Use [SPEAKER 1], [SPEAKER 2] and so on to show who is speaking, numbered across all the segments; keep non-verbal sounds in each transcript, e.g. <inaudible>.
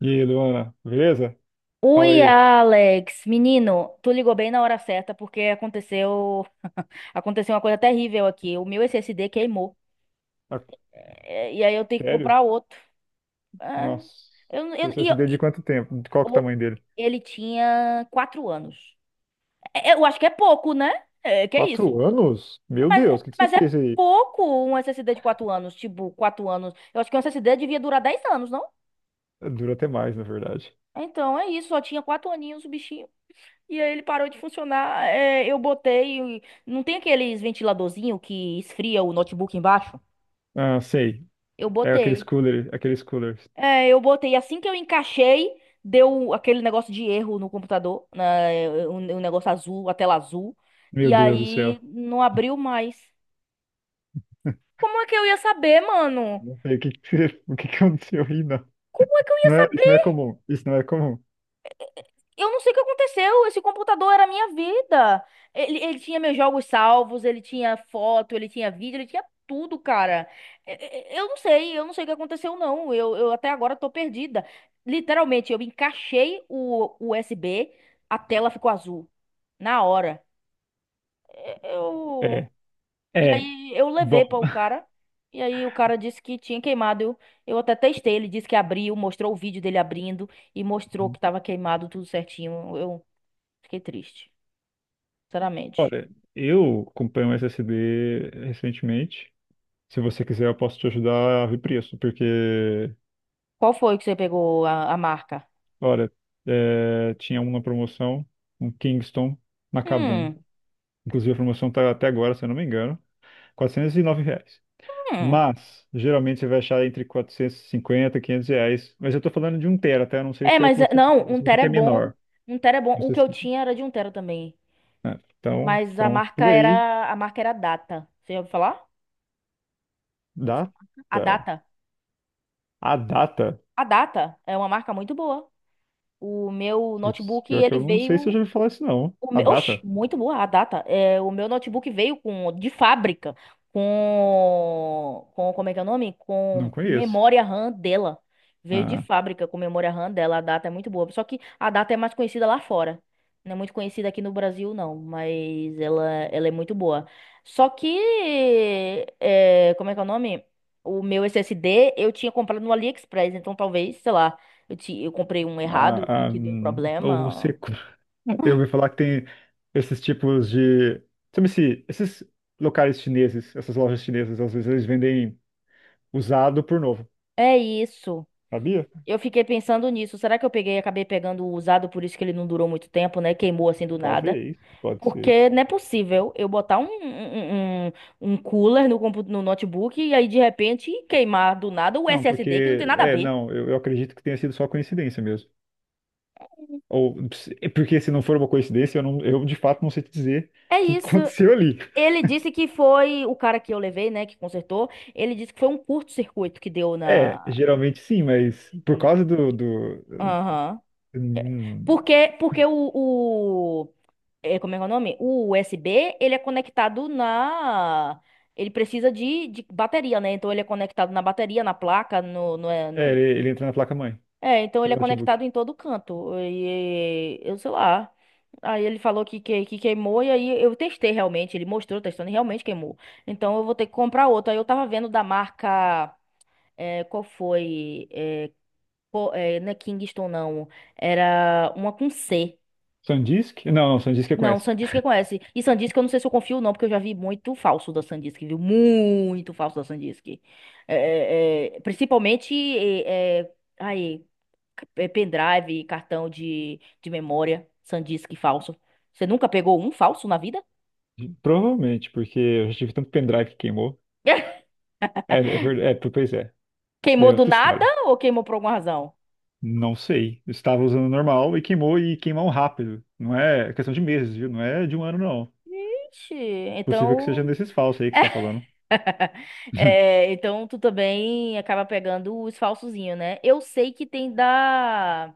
[SPEAKER 1] E aí, Luana, beleza? Fala
[SPEAKER 2] Oi,
[SPEAKER 1] aí.
[SPEAKER 2] Alex, menino, tu ligou bem na hora certa porque aconteceu uma coisa terrível aqui. O meu SSD queimou.
[SPEAKER 1] Tá-
[SPEAKER 2] É, e aí eu tenho que
[SPEAKER 1] Sério?
[SPEAKER 2] comprar outro. Ah,
[SPEAKER 1] Nossa,
[SPEAKER 2] eu, eu,
[SPEAKER 1] você
[SPEAKER 2] e
[SPEAKER 1] se
[SPEAKER 2] eu-
[SPEAKER 1] deu de
[SPEAKER 2] e-
[SPEAKER 1] quanto tempo? De Qual que é o
[SPEAKER 2] o-
[SPEAKER 1] tamanho dele?
[SPEAKER 2] ele tinha 4 anos. É, eu acho que é pouco, né? É, que é isso?
[SPEAKER 1] 4 anos? Meu
[SPEAKER 2] Mas,
[SPEAKER 1] Deus, o que que você
[SPEAKER 2] mas é
[SPEAKER 1] fez aí?
[SPEAKER 2] pouco um SSD de 4 anos, tipo 4 anos. Eu acho que um SSD devia durar 10 anos, não?
[SPEAKER 1] Dura até mais, na verdade.
[SPEAKER 2] Então é isso, só tinha 4 aninhos o bichinho. E aí ele parou de funcionar. É, eu botei. Não tem aqueles ventiladorzinho que esfria o notebook embaixo?
[SPEAKER 1] Ah, sei.
[SPEAKER 2] Eu
[SPEAKER 1] É aqueles
[SPEAKER 2] botei.
[SPEAKER 1] coolers, aqueles coolers.
[SPEAKER 2] É, eu botei. Assim que eu encaixei, deu aquele negócio de erro no computador, né, o negócio azul, a tela azul.
[SPEAKER 1] Meu
[SPEAKER 2] E
[SPEAKER 1] Deus do céu.
[SPEAKER 2] aí não abriu mais. Como é que eu ia saber, mano?
[SPEAKER 1] Não sei o que que você- <laughs> o que que aconteceu aí, não.
[SPEAKER 2] Como é que eu ia
[SPEAKER 1] Não é, isso não
[SPEAKER 2] saber?
[SPEAKER 1] é comum. Isso não é comum.
[SPEAKER 2] Eu não sei o que aconteceu. Esse computador era a minha vida. Ele tinha meus jogos salvos, ele tinha foto, ele tinha vídeo, ele tinha tudo, cara. Eu não sei o que aconteceu, não. Eu até agora tô perdida. Literalmente, eu encaixei o USB, a tela ficou azul. Na hora. Eu.
[SPEAKER 1] É.
[SPEAKER 2] E
[SPEAKER 1] É.
[SPEAKER 2] aí eu
[SPEAKER 1] Bom,
[SPEAKER 2] levei para o cara. E aí o cara disse que tinha queimado. Eu até testei, ele disse que abriu, mostrou o vídeo dele abrindo e mostrou que
[SPEAKER 1] <laughs>
[SPEAKER 2] tava queimado tudo certinho. Fiquei triste, sinceramente.
[SPEAKER 1] olha, eu comprei um SSD recentemente. Se você quiser, eu posso te ajudar a ver preço, porque
[SPEAKER 2] Qual foi que você pegou a marca?
[SPEAKER 1] olha, tinha um na promoção, um Kingston Macabum.
[SPEAKER 2] Hum,
[SPEAKER 1] Inclusive a promoção tá até agora, se eu não me engano, R$ 409.
[SPEAKER 2] hum.
[SPEAKER 1] Mas geralmente você vai achar entre 450 e 500 reais. Mas eu tô falando de um tera, tá? Eu não sei
[SPEAKER 2] É,
[SPEAKER 1] se é o que
[SPEAKER 2] mas
[SPEAKER 1] você,
[SPEAKER 2] não, um
[SPEAKER 1] se você
[SPEAKER 2] tera é
[SPEAKER 1] quer
[SPEAKER 2] bom.
[SPEAKER 1] menor.
[SPEAKER 2] Um tera é bom.
[SPEAKER 1] Não
[SPEAKER 2] O
[SPEAKER 1] sei
[SPEAKER 2] que eu
[SPEAKER 1] se-
[SPEAKER 2] tinha era de um tera também.
[SPEAKER 1] então,
[SPEAKER 2] Mas a
[SPEAKER 1] então,
[SPEAKER 2] marca
[SPEAKER 1] por aí,
[SPEAKER 2] era, a marca era Data. Você já ouviu falar? Dessa
[SPEAKER 1] data.
[SPEAKER 2] marca? A Data.
[SPEAKER 1] A data.
[SPEAKER 2] A Data é uma marca muito boa. O meu
[SPEAKER 1] Putz,
[SPEAKER 2] notebook,
[SPEAKER 1] pior que
[SPEAKER 2] ele
[SPEAKER 1] eu não sei se eu já
[SPEAKER 2] veio.
[SPEAKER 1] ouvi falar isso, não. A
[SPEAKER 2] Oxe,
[SPEAKER 1] data?
[SPEAKER 2] muito boa a data. É, o meu notebook veio com de fábrica com como é que é o nome?
[SPEAKER 1] Não
[SPEAKER 2] Com
[SPEAKER 1] conheço.
[SPEAKER 2] memória RAM dela. Veio de
[SPEAKER 1] Ah,
[SPEAKER 2] fábrica com memória RAM dela. A data é muito boa. Só que a data é mais conhecida lá fora. Não é muito conhecida aqui no Brasil, não. Mas ela é muito boa. Só que como é que é o nome? O meu SSD eu tinha comprado no AliExpress, então talvez, sei lá, eu comprei um errado, um
[SPEAKER 1] ah, ah,
[SPEAKER 2] que deu
[SPEAKER 1] hum, ou
[SPEAKER 2] problema.
[SPEAKER 1] você. <laughs> Eu ouvi falar que tem esses tipos de. Sabe se esses locais chineses, essas lojas chinesas, às vezes eles vendem usado por novo.
[SPEAKER 2] É isso.
[SPEAKER 1] Sabia?
[SPEAKER 2] Eu fiquei pensando nisso. Será que eu peguei, acabei pegando o usado, por isso que ele não durou muito tempo, né? Queimou assim do nada.
[SPEAKER 1] Talvez, pode ser.
[SPEAKER 2] Porque não é possível eu botar um cooler no notebook e aí de repente queimar do nada o
[SPEAKER 1] Não,
[SPEAKER 2] SSD, que não tem
[SPEAKER 1] porque.
[SPEAKER 2] nada a
[SPEAKER 1] É,
[SPEAKER 2] ver.
[SPEAKER 1] não, eu acredito que tenha sido só coincidência mesmo. Ou é porque se não for uma coincidência, eu, não, eu de fato não sei te dizer
[SPEAKER 2] É
[SPEAKER 1] o que <laughs>
[SPEAKER 2] isso.
[SPEAKER 1] aconteceu ali.
[SPEAKER 2] Ele disse que foi o cara que eu levei, né, que consertou. Ele disse que foi um curto-circuito que deu
[SPEAKER 1] É,
[SPEAKER 2] na.
[SPEAKER 1] geralmente sim, mas por
[SPEAKER 2] Hum,
[SPEAKER 1] causa do,
[SPEAKER 2] Aham.
[SPEAKER 1] hum,
[SPEAKER 2] Porque como é que é o nome? O USB, ele é conectado na. Ele precisa de bateria, né? Então ele é conectado na bateria, na placa,
[SPEAKER 1] ele entra na placa-mãe
[SPEAKER 2] então ele
[SPEAKER 1] do
[SPEAKER 2] é conectado
[SPEAKER 1] notebook.
[SPEAKER 2] em todo canto. E eu sei lá. Aí ele falou que queimou, e aí eu testei realmente. Ele mostrou testando e realmente queimou. Então eu vou ter que comprar outro. Aí eu tava vendo da marca. Qual foi? Não é Kingston, não. Era uma com C.
[SPEAKER 1] SanDisk? Não, não, SanDisk eu
[SPEAKER 2] Não,
[SPEAKER 1] conheço.
[SPEAKER 2] Sandisk que conhece. E Sandisk eu não sei se eu confio ou não, porque eu já vi muito falso da Sandisk, viu? Muito falso da Sandisk. É, é, principalmente aí, é pendrive, cartão de memória, Sandisk falso. Você nunca pegou um falso na vida?
[SPEAKER 1] Provavelmente, porque eu já tive tanto pendrive que queimou.
[SPEAKER 2] <laughs>
[SPEAKER 1] É, é verdade. É, pois é. Isso daí
[SPEAKER 2] Queimou
[SPEAKER 1] é
[SPEAKER 2] do
[SPEAKER 1] outra
[SPEAKER 2] nada
[SPEAKER 1] história.
[SPEAKER 2] ou queimou por alguma razão?
[SPEAKER 1] Não sei. Eu estava usando normal e queimou rápido. Não é questão de meses, viu? Não é de um ano, não.
[SPEAKER 2] Ixi,
[SPEAKER 1] Possível que seja
[SPEAKER 2] Então,
[SPEAKER 1] desses falsos aí que você está falando. <laughs>
[SPEAKER 2] então tu também acaba pegando os falsozinhos, né? Eu sei que tem da.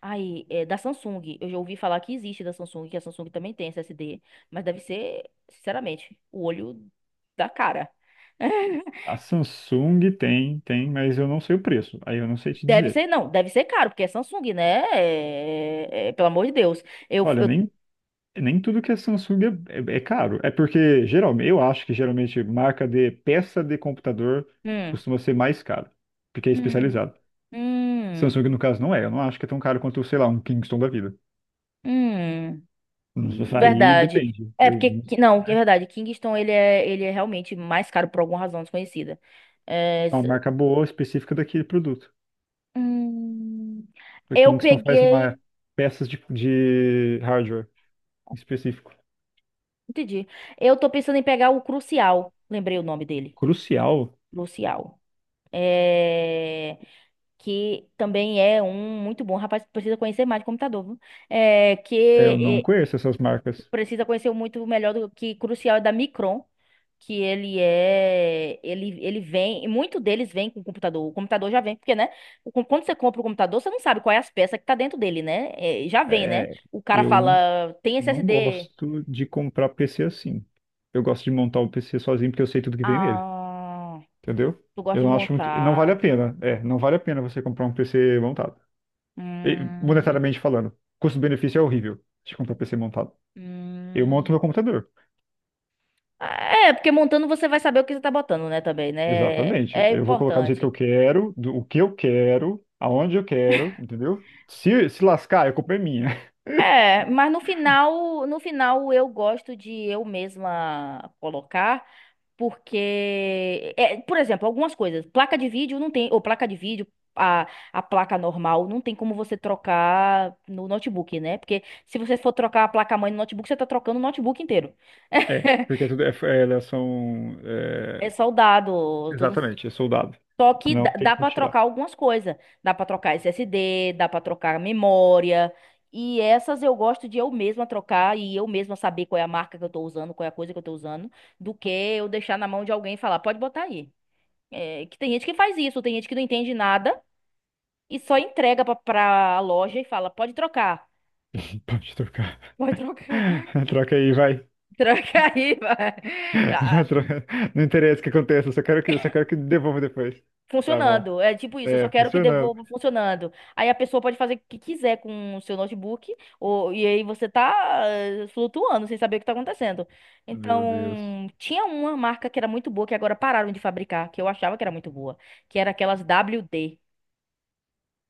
[SPEAKER 2] Aí é da Samsung. Eu já ouvi falar que existe da Samsung, que a Samsung também tem SSD, mas deve ser, sinceramente, o olho da cara. <laughs>
[SPEAKER 1] A Samsung tem, mas eu não sei o preço. Aí eu não sei te
[SPEAKER 2] Deve
[SPEAKER 1] dizer.
[SPEAKER 2] ser, não, deve ser caro, porque é Samsung, né? Pelo amor de Deus. Eu,
[SPEAKER 1] Olha,
[SPEAKER 2] eu,
[SPEAKER 1] nem tudo que é Samsung é caro. É porque geralmente, eu acho que geralmente marca de peça de computador
[SPEAKER 2] hum,
[SPEAKER 1] costuma ser mais caro, porque é
[SPEAKER 2] hum,
[SPEAKER 1] especializado.
[SPEAKER 2] hum,
[SPEAKER 1] Samsung, no caso, não é. Eu não acho que é tão caro quanto, sei lá, um Kingston da vida.
[SPEAKER 2] hum.
[SPEAKER 1] Nossa, aí
[SPEAKER 2] Verdade.
[SPEAKER 1] depende.
[SPEAKER 2] É
[SPEAKER 1] Eu,
[SPEAKER 2] porque, não, que é verdade, Kingston, ele é realmente mais caro por alguma razão desconhecida. É,
[SPEAKER 1] é uma marca boa, específica daquele produto.
[SPEAKER 2] hum,
[SPEAKER 1] A
[SPEAKER 2] eu
[SPEAKER 1] Kingston faz
[SPEAKER 2] peguei.
[SPEAKER 1] peças de hardware específico.
[SPEAKER 2] Entendi. Eu tô pensando em pegar o Crucial. Lembrei o nome dele.
[SPEAKER 1] Crucial,
[SPEAKER 2] Crucial. É. Que também é um muito bom. Rapaz, precisa conhecer mais de computador, viu? É.
[SPEAKER 1] é, eu não conheço essas marcas.
[SPEAKER 2] Precisa conhecer muito melhor do que Crucial é da Micron. Que ele é. Ele vem. E muito deles vem com o computador. O computador já vem, porque, né? Quando você compra o computador, você não sabe qual é as peças que tá dentro dele, né? É, já vem, né?
[SPEAKER 1] É,
[SPEAKER 2] O cara
[SPEAKER 1] eu não,
[SPEAKER 2] fala, tem
[SPEAKER 1] não
[SPEAKER 2] SSD.
[SPEAKER 1] gosto de comprar PC assim. Eu gosto de montar o PC sozinho porque eu sei tudo que vem nele,
[SPEAKER 2] Ah,
[SPEAKER 1] entendeu?
[SPEAKER 2] tu gosta
[SPEAKER 1] Eu
[SPEAKER 2] de
[SPEAKER 1] não acho muito, não vale a
[SPEAKER 2] montar.
[SPEAKER 1] pena. É, não vale a pena você comprar um PC montado. E,
[SPEAKER 2] Hum,
[SPEAKER 1] monetariamente falando, custo-benefício é horrível de comprar PC montado. Eu
[SPEAKER 2] hum.
[SPEAKER 1] monto meu computador.
[SPEAKER 2] É, porque montando você vai saber o que você tá botando, né, também, né?
[SPEAKER 1] Exatamente.
[SPEAKER 2] É
[SPEAKER 1] Eu vou colocar do jeito que eu
[SPEAKER 2] importante.
[SPEAKER 1] quero, do o que eu quero, aonde eu quero, entendeu? Se lascar, a culpa é minha. <laughs>
[SPEAKER 2] É, mas no final eu gosto de eu mesma colocar, porque, por exemplo, algumas coisas, placa de vídeo não tem, ou placa de vídeo, a placa normal não tem como você trocar no notebook, né? Porque se você for trocar a placa-mãe no notebook, você tá trocando o notebook inteiro.
[SPEAKER 1] É, porque
[SPEAKER 2] <laughs>
[SPEAKER 1] tudo é, elas são.
[SPEAKER 2] É
[SPEAKER 1] É,
[SPEAKER 2] soldado, tudo.
[SPEAKER 1] exatamente, é soldado.
[SPEAKER 2] Só que dá,
[SPEAKER 1] Não tem
[SPEAKER 2] dá
[SPEAKER 1] como
[SPEAKER 2] para
[SPEAKER 1] tirar.
[SPEAKER 2] trocar algumas coisas. Dá para trocar SSD, dá para trocar memória. E essas eu gosto de eu mesma trocar e eu mesma saber qual é a marca que eu tô usando, qual é a coisa que eu tô usando, do que eu deixar na mão de alguém e falar, pode botar aí. É, que tem gente que faz isso, tem gente que não entende nada e só entrega pra loja e fala, pode trocar.
[SPEAKER 1] <laughs> Pode trocar.
[SPEAKER 2] Pode trocar. <laughs>
[SPEAKER 1] <laughs> Troca aí, vai.
[SPEAKER 2] Troca aí, vai.
[SPEAKER 1] <laughs> Não tro- não interessa o que aconteça, eu só quero que, devolva depois. Tá bom.
[SPEAKER 2] Funcionando. É tipo isso, eu só
[SPEAKER 1] É,
[SPEAKER 2] quero que
[SPEAKER 1] funcionando.
[SPEAKER 2] devolva funcionando. Aí a pessoa pode fazer o que quiser com o seu notebook, e aí você tá flutuando sem saber o que tá acontecendo.
[SPEAKER 1] Meu Deus.
[SPEAKER 2] Então, tinha uma marca que era muito boa, que agora pararam de fabricar, que eu achava que era muito boa, que era aquelas WD.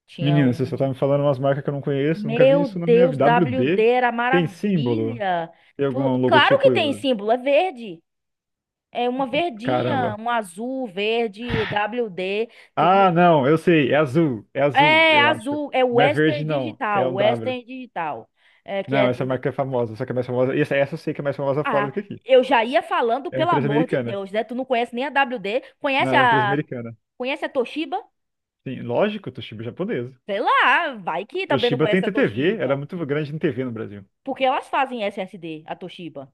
[SPEAKER 2] Tinha
[SPEAKER 1] Menina, você só tá
[SPEAKER 2] uma.
[SPEAKER 1] me falando umas marcas que eu não conheço, nunca vi
[SPEAKER 2] Meu
[SPEAKER 1] isso na minha
[SPEAKER 2] Deus,
[SPEAKER 1] vida. W
[SPEAKER 2] WD
[SPEAKER 1] D.
[SPEAKER 2] era
[SPEAKER 1] Tem símbolo?
[SPEAKER 2] maravilha.
[SPEAKER 1] Tem
[SPEAKER 2] Pô,
[SPEAKER 1] algum
[SPEAKER 2] claro
[SPEAKER 1] logotipo?
[SPEAKER 2] que tem símbolo, é verde. É uma verdinha,
[SPEAKER 1] Caramba.
[SPEAKER 2] um azul, verde, WD.
[SPEAKER 1] Ah, não, eu sei, é azul,
[SPEAKER 2] É
[SPEAKER 1] eu acho.
[SPEAKER 2] azul, é
[SPEAKER 1] Não é verde,
[SPEAKER 2] Western
[SPEAKER 1] não, é
[SPEAKER 2] Digital,
[SPEAKER 1] um W.
[SPEAKER 2] Western Digital. É que é.
[SPEAKER 1] Não, essa marca é famosa, só que é mais famosa. Essa eu sei que é mais famosa fora do
[SPEAKER 2] Ah,
[SPEAKER 1] que aqui.
[SPEAKER 2] eu já ia falando,
[SPEAKER 1] É uma
[SPEAKER 2] pelo
[SPEAKER 1] empresa
[SPEAKER 2] amor de
[SPEAKER 1] americana.
[SPEAKER 2] Deus, né? Tu não conhece nem a WD,
[SPEAKER 1] Não, é
[SPEAKER 2] conhece
[SPEAKER 1] uma empresa
[SPEAKER 2] a,
[SPEAKER 1] americana.
[SPEAKER 2] conhece a Toshiba?
[SPEAKER 1] Sim, lógico, Toshiba é japonesa.
[SPEAKER 2] Sei lá, vai que também não
[SPEAKER 1] Toshiba tem
[SPEAKER 2] conhece a
[SPEAKER 1] TTV, era
[SPEAKER 2] Toshiba.
[SPEAKER 1] muito grande em TV no Brasil.
[SPEAKER 2] Porque elas fazem SSD, a Toshiba.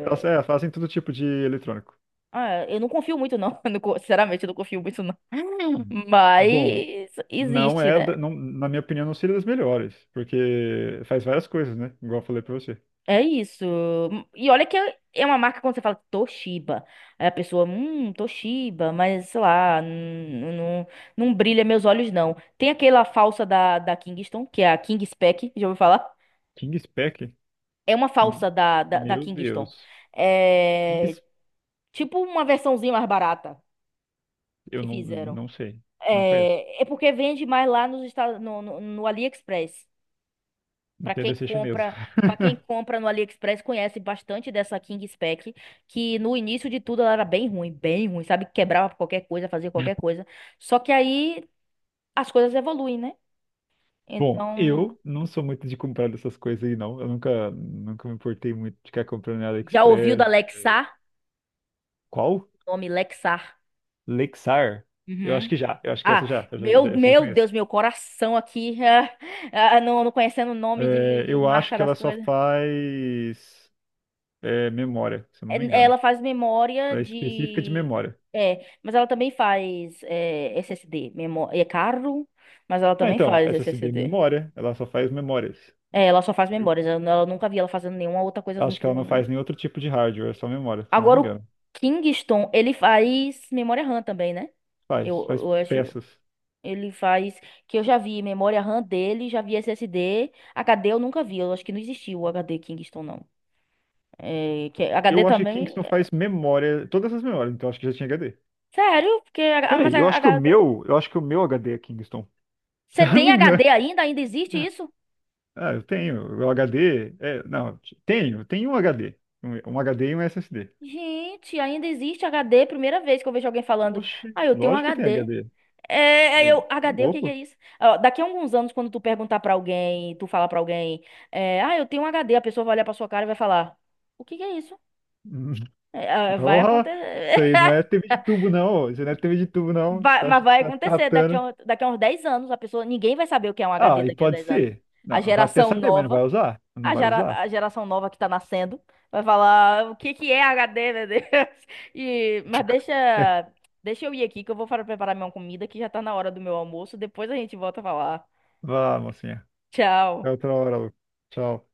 [SPEAKER 1] Elas fazem todo tipo de eletrônico.
[SPEAKER 2] ah, eu não confio muito, não. <laughs> Eu não co- Sinceramente, eu não confio muito, não. <laughs>
[SPEAKER 1] Bom,
[SPEAKER 2] Mas
[SPEAKER 1] Não
[SPEAKER 2] existe,
[SPEAKER 1] é,
[SPEAKER 2] né?
[SPEAKER 1] da- não- na minha opinião, não seria das melhores, porque faz várias coisas, né? Igual eu falei pra você.
[SPEAKER 2] É isso. E olha que é uma marca quando você fala Toshiba. Aí a pessoa, Toshiba, mas sei lá, não, não, não brilha meus olhos, não. Tem aquela falsa da Kingston, que é a King Spec, já ouviu falar?
[SPEAKER 1] King Spec?
[SPEAKER 2] É uma
[SPEAKER 1] Hum.
[SPEAKER 2] falsa da
[SPEAKER 1] Meu
[SPEAKER 2] Kingston.
[SPEAKER 1] Deus. King,
[SPEAKER 2] É
[SPEAKER 1] Spec-
[SPEAKER 2] tipo uma versãozinha mais barata
[SPEAKER 1] eu
[SPEAKER 2] que
[SPEAKER 1] não,
[SPEAKER 2] fizeram.
[SPEAKER 1] não sei, não conheço.
[SPEAKER 2] É porque vende mais lá nos Estados, no AliExpress. Para quem
[SPEAKER 1] Entenda ser chinesa.
[SPEAKER 2] compra, para quem
[SPEAKER 1] <laughs>
[SPEAKER 2] compra no AliExpress conhece bastante dessa King Spec, que no início de tudo ela era bem ruim, sabe? Quebrava qualquer coisa, fazia qualquer coisa. Só que aí as coisas evoluem, né?
[SPEAKER 1] Bom,
[SPEAKER 2] Então,
[SPEAKER 1] eu não sou muito de comprar dessas coisas aí, não. Eu nunca, nunca me importei muito de ficar comprando na
[SPEAKER 2] já ouviu da
[SPEAKER 1] AliExpress.
[SPEAKER 2] Lexar?
[SPEAKER 1] Qual?
[SPEAKER 2] O nome Lexar.
[SPEAKER 1] Lexar?
[SPEAKER 2] Uhum. Ah, meu,
[SPEAKER 1] Essa eu já
[SPEAKER 2] meu
[SPEAKER 1] conheço.
[SPEAKER 2] Deus, meu coração aqui, <laughs> ah, não, não conhecendo o nome de,
[SPEAKER 1] É,
[SPEAKER 2] de
[SPEAKER 1] eu acho
[SPEAKER 2] marca
[SPEAKER 1] que
[SPEAKER 2] das
[SPEAKER 1] ela só
[SPEAKER 2] coisas.
[SPEAKER 1] faz memória, se eu não me
[SPEAKER 2] É,
[SPEAKER 1] engano.
[SPEAKER 2] ela faz memória
[SPEAKER 1] Ela é específica de
[SPEAKER 2] de.
[SPEAKER 1] memória.
[SPEAKER 2] É, mas ela também faz SSD. Memó... É caro, mas ela
[SPEAKER 1] Ah,
[SPEAKER 2] também
[SPEAKER 1] então,
[SPEAKER 2] faz
[SPEAKER 1] SSD
[SPEAKER 2] SSD.
[SPEAKER 1] memória, ela só faz memórias.
[SPEAKER 2] É, ela só faz
[SPEAKER 1] Entendeu?
[SPEAKER 2] memórias. Eu nunca vi ela fazendo nenhuma outra coisa sem
[SPEAKER 1] Acho que
[SPEAKER 2] ser
[SPEAKER 1] ela não
[SPEAKER 2] memória.
[SPEAKER 1] faz nenhum outro tipo de hardware, é só memória, se eu não me
[SPEAKER 2] Agora, o
[SPEAKER 1] engano.
[SPEAKER 2] Kingston, ele faz memória RAM também, né? Eu,
[SPEAKER 1] Faz, faz
[SPEAKER 2] eu acho.
[SPEAKER 1] peças.
[SPEAKER 2] Ele faz. Que eu já vi memória RAM dele, já vi SSD. HD eu nunca vi. Eu acho que não existia o HD Kingston, não. É, que HD
[SPEAKER 1] Eu acho que
[SPEAKER 2] também.
[SPEAKER 1] Kingston faz memória, todas as memórias, então acho que já tinha HD.
[SPEAKER 2] Sério, porque. Ah, Mas
[SPEAKER 1] Peraí, eu acho que o
[SPEAKER 2] H D
[SPEAKER 1] meu, eu acho que o meu HD é Kingston, <laughs> se
[SPEAKER 2] Você
[SPEAKER 1] eu não
[SPEAKER 2] tem
[SPEAKER 1] me engano.
[SPEAKER 2] HD ainda? Ainda existe isso?
[SPEAKER 1] Ah, eu tenho, o HD, não, tenho um HD, um HD e um SSD.
[SPEAKER 2] Gente, ainda existe HD. Primeira vez que eu vejo alguém falando,
[SPEAKER 1] Oxe,
[SPEAKER 2] ah, eu tenho um
[SPEAKER 1] lógico que tem
[SPEAKER 2] HD.
[SPEAKER 1] HD.
[SPEAKER 2] É, é, eu,
[SPEAKER 1] Tô
[SPEAKER 2] HD, o que que é
[SPEAKER 1] louco.
[SPEAKER 2] isso? Ó, daqui a alguns anos, quando tu perguntar pra alguém, tu falar pra alguém, ah, eu tenho um HD, a pessoa vai olhar pra sua cara e vai falar, o que que é isso?
[SPEAKER 1] <laughs>
[SPEAKER 2] É, ah, vai
[SPEAKER 1] Porra!
[SPEAKER 2] acontecer.
[SPEAKER 1] Isso aí não
[SPEAKER 2] <laughs>
[SPEAKER 1] é TV de tubo, não. Ô. Isso não é TV de tubo, não. Tá,
[SPEAKER 2] Mas vai
[SPEAKER 1] tá
[SPEAKER 2] acontecer daqui
[SPEAKER 1] tratando.
[SPEAKER 2] a, daqui a uns 10 anos, a pessoa, ninguém vai saber o que é um HD
[SPEAKER 1] Ah, e
[SPEAKER 2] daqui a
[SPEAKER 1] pode
[SPEAKER 2] 10 anos.
[SPEAKER 1] ser.
[SPEAKER 2] A
[SPEAKER 1] Não, vai até
[SPEAKER 2] geração
[SPEAKER 1] saber, mas não
[SPEAKER 2] nova
[SPEAKER 1] vai usar. Não
[SPEAKER 2] A,
[SPEAKER 1] vai
[SPEAKER 2] gera-
[SPEAKER 1] usar.
[SPEAKER 2] a geração nova que tá nascendo vai falar o que que é HD, meu Deus. <laughs> Mas deixa,
[SPEAKER 1] <laughs>
[SPEAKER 2] deixa eu ir aqui que eu vou para preparar minha comida que já tá na hora do meu almoço. Depois a gente volta a falar.
[SPEAKER 1] Vá, mocinha. Até
[SPEAKER 2] Tchau.
[SPEAKER 1] outra hora, Lu. Tchau.